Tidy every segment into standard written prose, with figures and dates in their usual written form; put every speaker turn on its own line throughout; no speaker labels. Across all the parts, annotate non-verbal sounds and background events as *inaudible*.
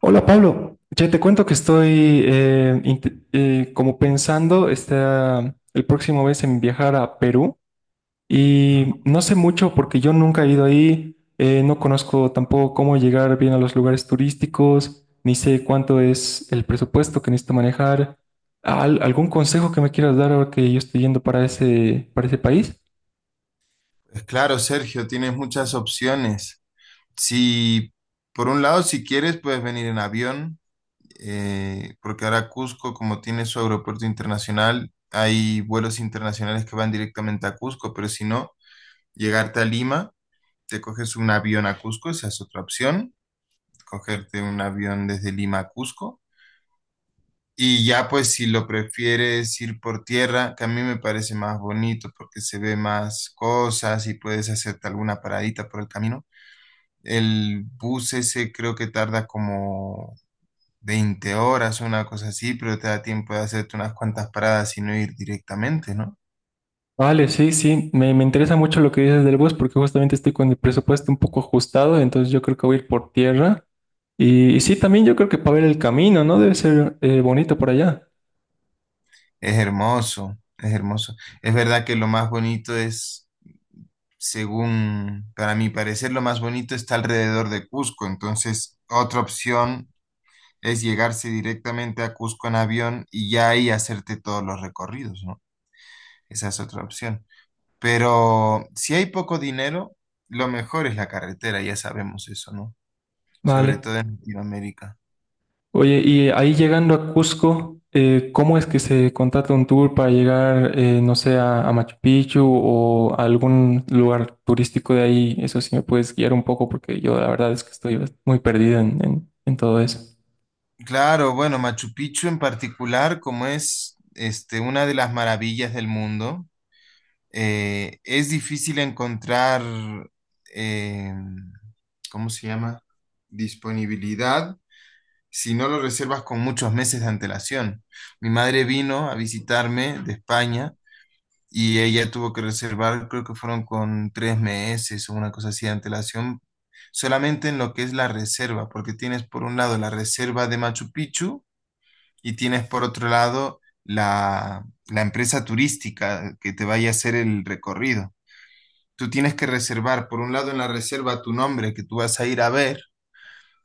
Hola Pablo, ya te cuento que estoy como pensando esta, el próximo mes en viajar a Perú, y no sé mucho porque yo nunca he ido ahí, no conozco tampoco cómo llegar bien a los lugares turísticos, ni sé cuánto es el presupuesto que necesito manejar. ¿Algún consejo que me quieras dar ahora que yo estoy yendo para para ese país?
Claro, Sergio, tienes muchas opciones. Si, por un lado, si quieres, puedes venir en avión, porque ahora Cusco, como tiene su aeropuerto internacional, hay vuelos internacionales que van directamente a Cusco, pero si no, llegarte a Lima, te coges un avión a Cusco, esa es otra opción, cogerte un avión desde Lima a Cusco. Y ya, pues, si lo prefieres ir por tierra, que a mí me parece más bonito porque se ve más cosas y puedes hacerte alguna paradita por el camino. El bus ese creo que tarda como 20 horas, una cosa así, pero te da tiempo de hacerte unas cuantas paradas y no ir directamente, ¿no?
Vale, sí, sí, me interesa mucho lo que dices del bus porque justamente estoy con el presupuesto un poco ajustado, entonces yo creo que voy a ir por tierra. Y sí, también yo creo que para ver el camino, ¿no? Debe ser bonito por allá.
Es hermoso, es hermoso. Es verdad que lo más bonito es, según, para mi parecer, lo más bonito está alrededor de Cusco. Entonces, otra opción es llegarse directamente a Cusco en avión y ya ahí hacerte todos los recorridos, ¿no? Esa es otra opción. Pero si hay poco dinero, lo mejor es la carretera, ya sabemos eso, ¿no? Sobre
Vale.
todo en Latinoamérica.
Oye, y ahí llegando a Cusco, ¿cómo es que se contrata un tour para llegar, no sé, a Machu Picchu o a algún lugar turístico de ahí? Eso sí me puedes guiar un poco porque yo la verdad es que estoy muy perdido en todo eso.
Claro, bueno, Machu Picchu en particular, como es este, una de las maravillas del mundo, es difícil encontrar, eh, ¿cómo se llama? Disponibilidad si no lo reservas con muchos meses de antelación. Mi madre vino a visitarme de España y ella tuvo que reservar, creo que fueron con 3 meses o una cosa así de antelación, solamente en lo que es la reserva, porque tienes por un lado la reserva de Machu Picchu y tienes por otro lado la empresa turística que te vaya a hacer el recorrido. Tú tienes que reservar, por un lado en la reserva tu nombre que tú vas a ir a ver,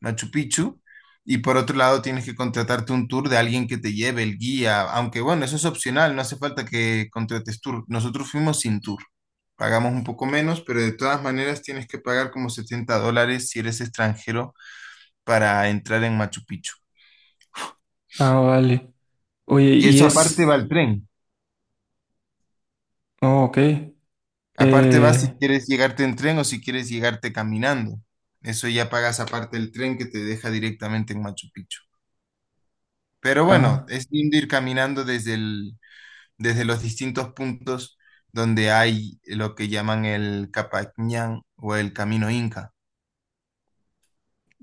Machu Picchu, y por otro lado tienes que contratarte un tour de alguien que te lleve el guía, aunque bueno, eso es opcional, no hace falta que contrates tour. Nosotros fuimos sin tour, pagamos un poco menos, pero de todas maneras tienes que pagar como $70 si eres extranjero para entrar en Machu Picchu.
Ah, vale. Oye,
Y
y
eso
es...
aparte va el tren.
Oh, ok.
Aparte va
Eh,
si quieres llegarte en tren o si quieres llegarte caminando. Eso ya pagas aparte el tren que te deja directamente en Machu Picchu. Pero bueno,
ah.
es lindo ir caminando desde el, desde los distintos puntos donde hay lo que llaman el Capañán o el Camino Inca.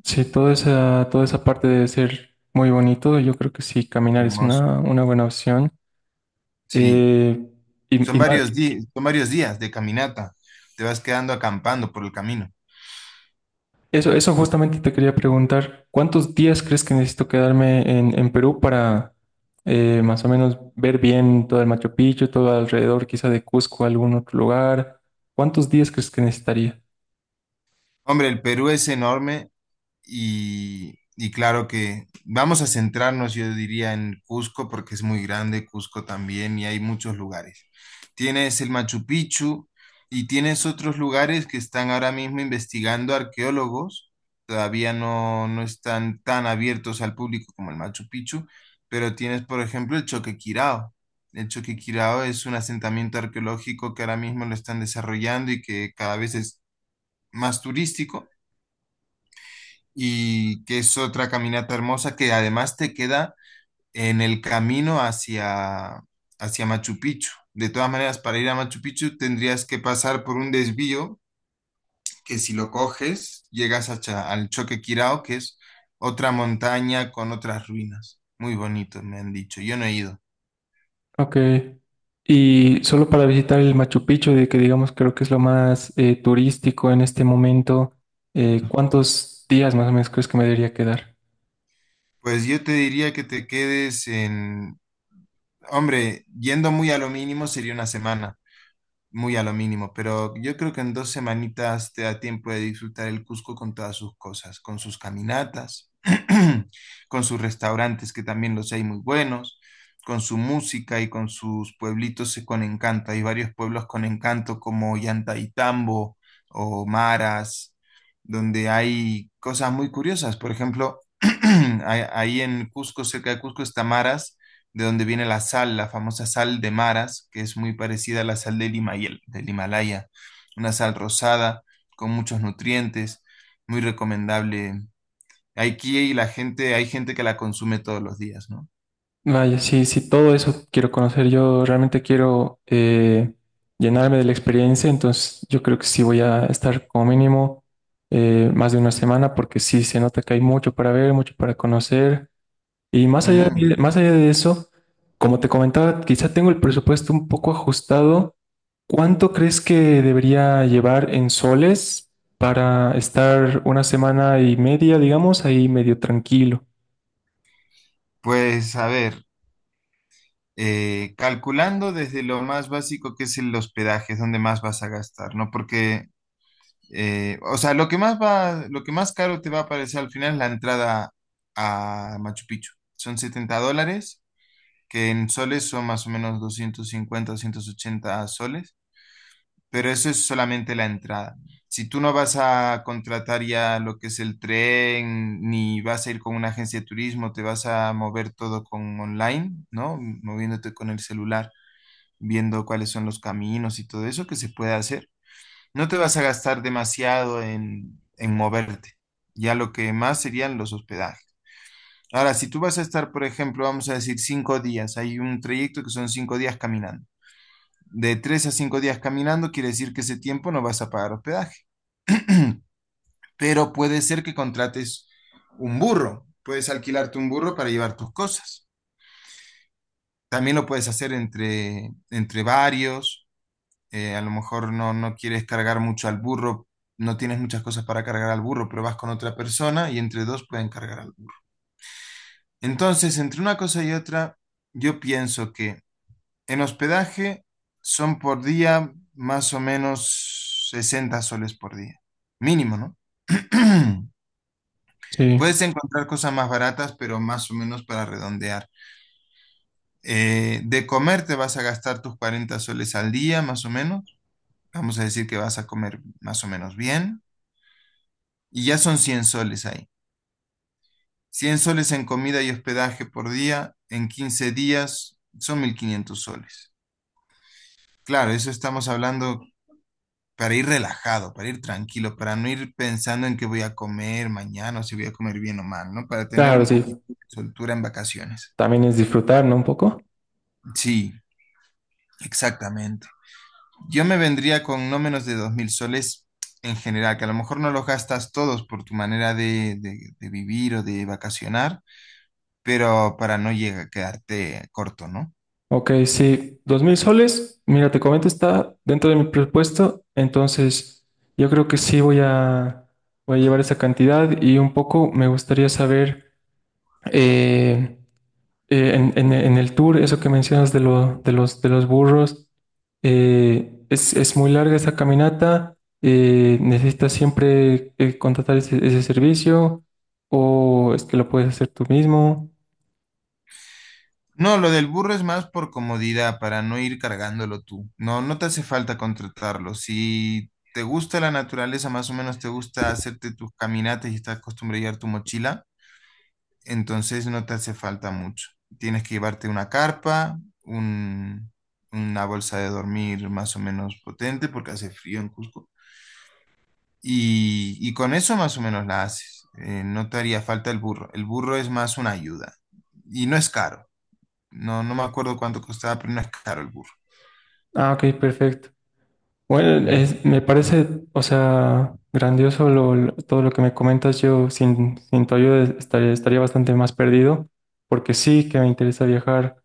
Sí, toda esa parte debe ser muy bonito. Yo creo que sí, caminar es
Hermoso.
una buena opción.
Sí.
Eh, y, y ma-
Son varios días de caminata. Te vas quedando acampando por el camino.
eso, eso justamente te quería preguntar, ¿cuántos días crees que necesito quedarme en Perú para más o menos ver bien todo el Machu Picchu, todo alrededor, quizá de Cusco, algún otro lugar? ¿Cuántos días crees que necesitaría?
Hombre, el Perú es enorme. Y claro que vamos a centrarnos, yo diría, en Cusco, porque es muy grande Cusco también y hay muchos lugares. Tienes el Machu Picchu y tienes otros lugares que están ahora mismo investigando arqueólogos. Todavía no, no están tan abiertos al público como el Machu Picchu, pero tienes, por ejemplo, el Choquequirao. El Choquequirao es un asentamiento arqueológico que ahora mismo lo están desarrollando y que cada vez es más turístico y que es otra caminata hermosa que además te queda en el camino hacia, hacia Machu Picchu. De todas maneras, para ir a Machu Picchu tendrías que pasar por un desvío que si lo coges llegas a al Choque Quirao, que es otra montaña con otras ruinas. Muy bonito, me han dicho. Yo no he ido.
Ok. Y solo para visitar el Machu Picchu, de que digamos creo que es lo más turístico en este momento, ¿cuántos días más o menos crees que me debería quedar?
Pues yo te diría que te quedes en... Hombre, yendo muy a lo mínimo sería una semana, muy a lo mínimo, pero yo creo que en dos semanitas te da tiempo de disfrutar el Cusco con todas sus cosas, con sus caminatas, *clears throat* con sus restaurantes, que también los hay muy buenos, con su música y con sus pueblitos con encanto. Hay varios pueblos con encanto como Llantaitambo o Maras, donde hay cosas muy curiosas. Por ejemplo, *clears throat* ahí en Cusco, cerca de Cusco está Maras, de donde viene la sal, la famosa sal de Maras, que es muy parecida a la sal del del Himalaya, una sal rosada con muchos nutrientes, muy recomendable. Aquí la gente, hay gente que la consume todos los días, ¿no?
Vaya, sí, sí, todo eso quiero conocer. Yo realmente quiero llenarme de la experiencia, entonces yo creo que sí voy a estar como mínimo más de una semana porque sí se nota que hay mucho para ver, mucho para conocer. Y
Mm,
más allá de eso, como te comentaba, quizá tengo el presupuesto un poco ajustado. ¿Cuánto crees que debería llevar en soles para estar una semana y media, digamos, ahí medio tranquilo?
pues a ver, calculando desde lo más básico que es el hospedaje, es donde más vas a gastar, ¿no? Porque, o sea, lo que más va, lo que más caro te va a parecer al final es la entrada a Machu Picchu. Son 70 dólares, que en soles son más o menos 250 o 180 soles, pero eso es solamente la entrada. Si tú no vas a contratar ya lo que es el tren, ni vas a ir con una agencia de turismo, te vas a mover todo con online, ¿no? Moviéndote con el celular, viendo cuáles son los caminos y todo eso que se puede hacer. No te vas a gastar demasiado en moverte. Ya lo que más serían los hospedajes. Ahora, si tú vas a estar, por ejemplo, vamos a decir 5 días, hay un trayecto que son 5 días caminando. De 3 a 5 días caminando quiere decir que ese tiempo no vas a pagar hospedaje. *clears throat* Pero puede ser que contrates un burro, puedes alquilarte un burro para llevar tus cosas. También lo puedes hacer entre, entre varios. A lo mejor no, no quieres cargar mucho al burro, no tienes muchas cosas para cargar al burro, pero vas con otra persona y entre dos pueden cargar al burro. Entonces, entre una cosa y otra, yo pienso que en hospedaje son por día más o menos 60 soles por día. Mínimo, ¿no? *clears throat*
Sí,
Puedes encontrar cosas más baratas, pero más o menos para redondear. De comer te vas a gastar tus 40 soles al día, más o menos. Vamos a decir que vas a comer más o menos bien. Y ya son 100 soles ahí. 100 soles en comida y hospedaje por día, en 15 días son 1500 soles. Claro, eso estamos hablando para ir relajado, para ir tranquilo, para no ir pensando en qué voy a comer mañana o si voy a comer bien o mal, ¿no? Para tener
claro,
un poquito
sí.
de soltura en vacaciones.
También es disfrutar, ¿no? Un poco.
Sí, exactamente. Yo me vendría con no menos de 2000 soles en general, que a lo mejor no los gastas todos por tu manera de, de vivir o de vacacionar, pero para no llegar a quedarte corto, ¿no?
Ok, sí. Dos mil soles, mira, te comento, está dentro de mi presupuesto. Entonces, yo creo que voy a llevar esa cantidad y un poco me gustaría saber. eh, en el tour, eso que mencionas de, de los burros, es muy larga esa caminata, necesitas siempre contratar ese servicio o es que lo puedes hacer tú mismo.
No, lo del burro es más por comodidad, para no ir cargándolo tú. No, no te hace falta contratarlo. Si te gusta la naturaleza, más o menos te gusta hacerte tus caminatas y estás acostumbrado a llevar tu mochila, entonces no te hace falta mucho. Tienes que llevarte una carpa, un- una bolsa de dormir más o menos potente porque hace frío en Cusco. Y con eso más o menos la haces. No te haría falta el burro. El burro es más una ayuda y no es caro. No, no me acuerdo cuánto costaba, pero no es caro el burro.
Ah, ok, perfecto. Bueno,
Mm.
me parece, o sea, grandioso todo lo que me comentas. Yo sin tu ayuda estaría bastante más perdido, porque sí que me interesa viajar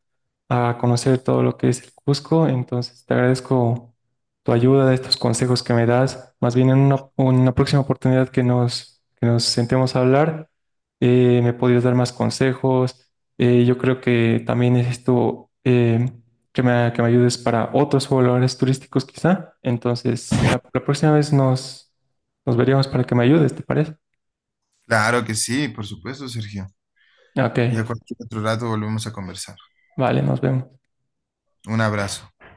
a conocer todo lo que es el Cusco. Entonces, te agradezco tu ayuda, estos consejos que me das. Más bien en una próxima oportunidad que que nos sentemos a hablar, me podrías dar más consejos. Yo creo que también es esto. Que me ayudes para otros valores turísticos quizá. Entonces, la próxima vez nos veríamos para que me ayudes, ¿te parece?
Claro que sí, por supuesto, Sergio.
Ok,
Ya cualquier otro rato volvemos a conversar.
vale, nos vemos.
Un abrazo.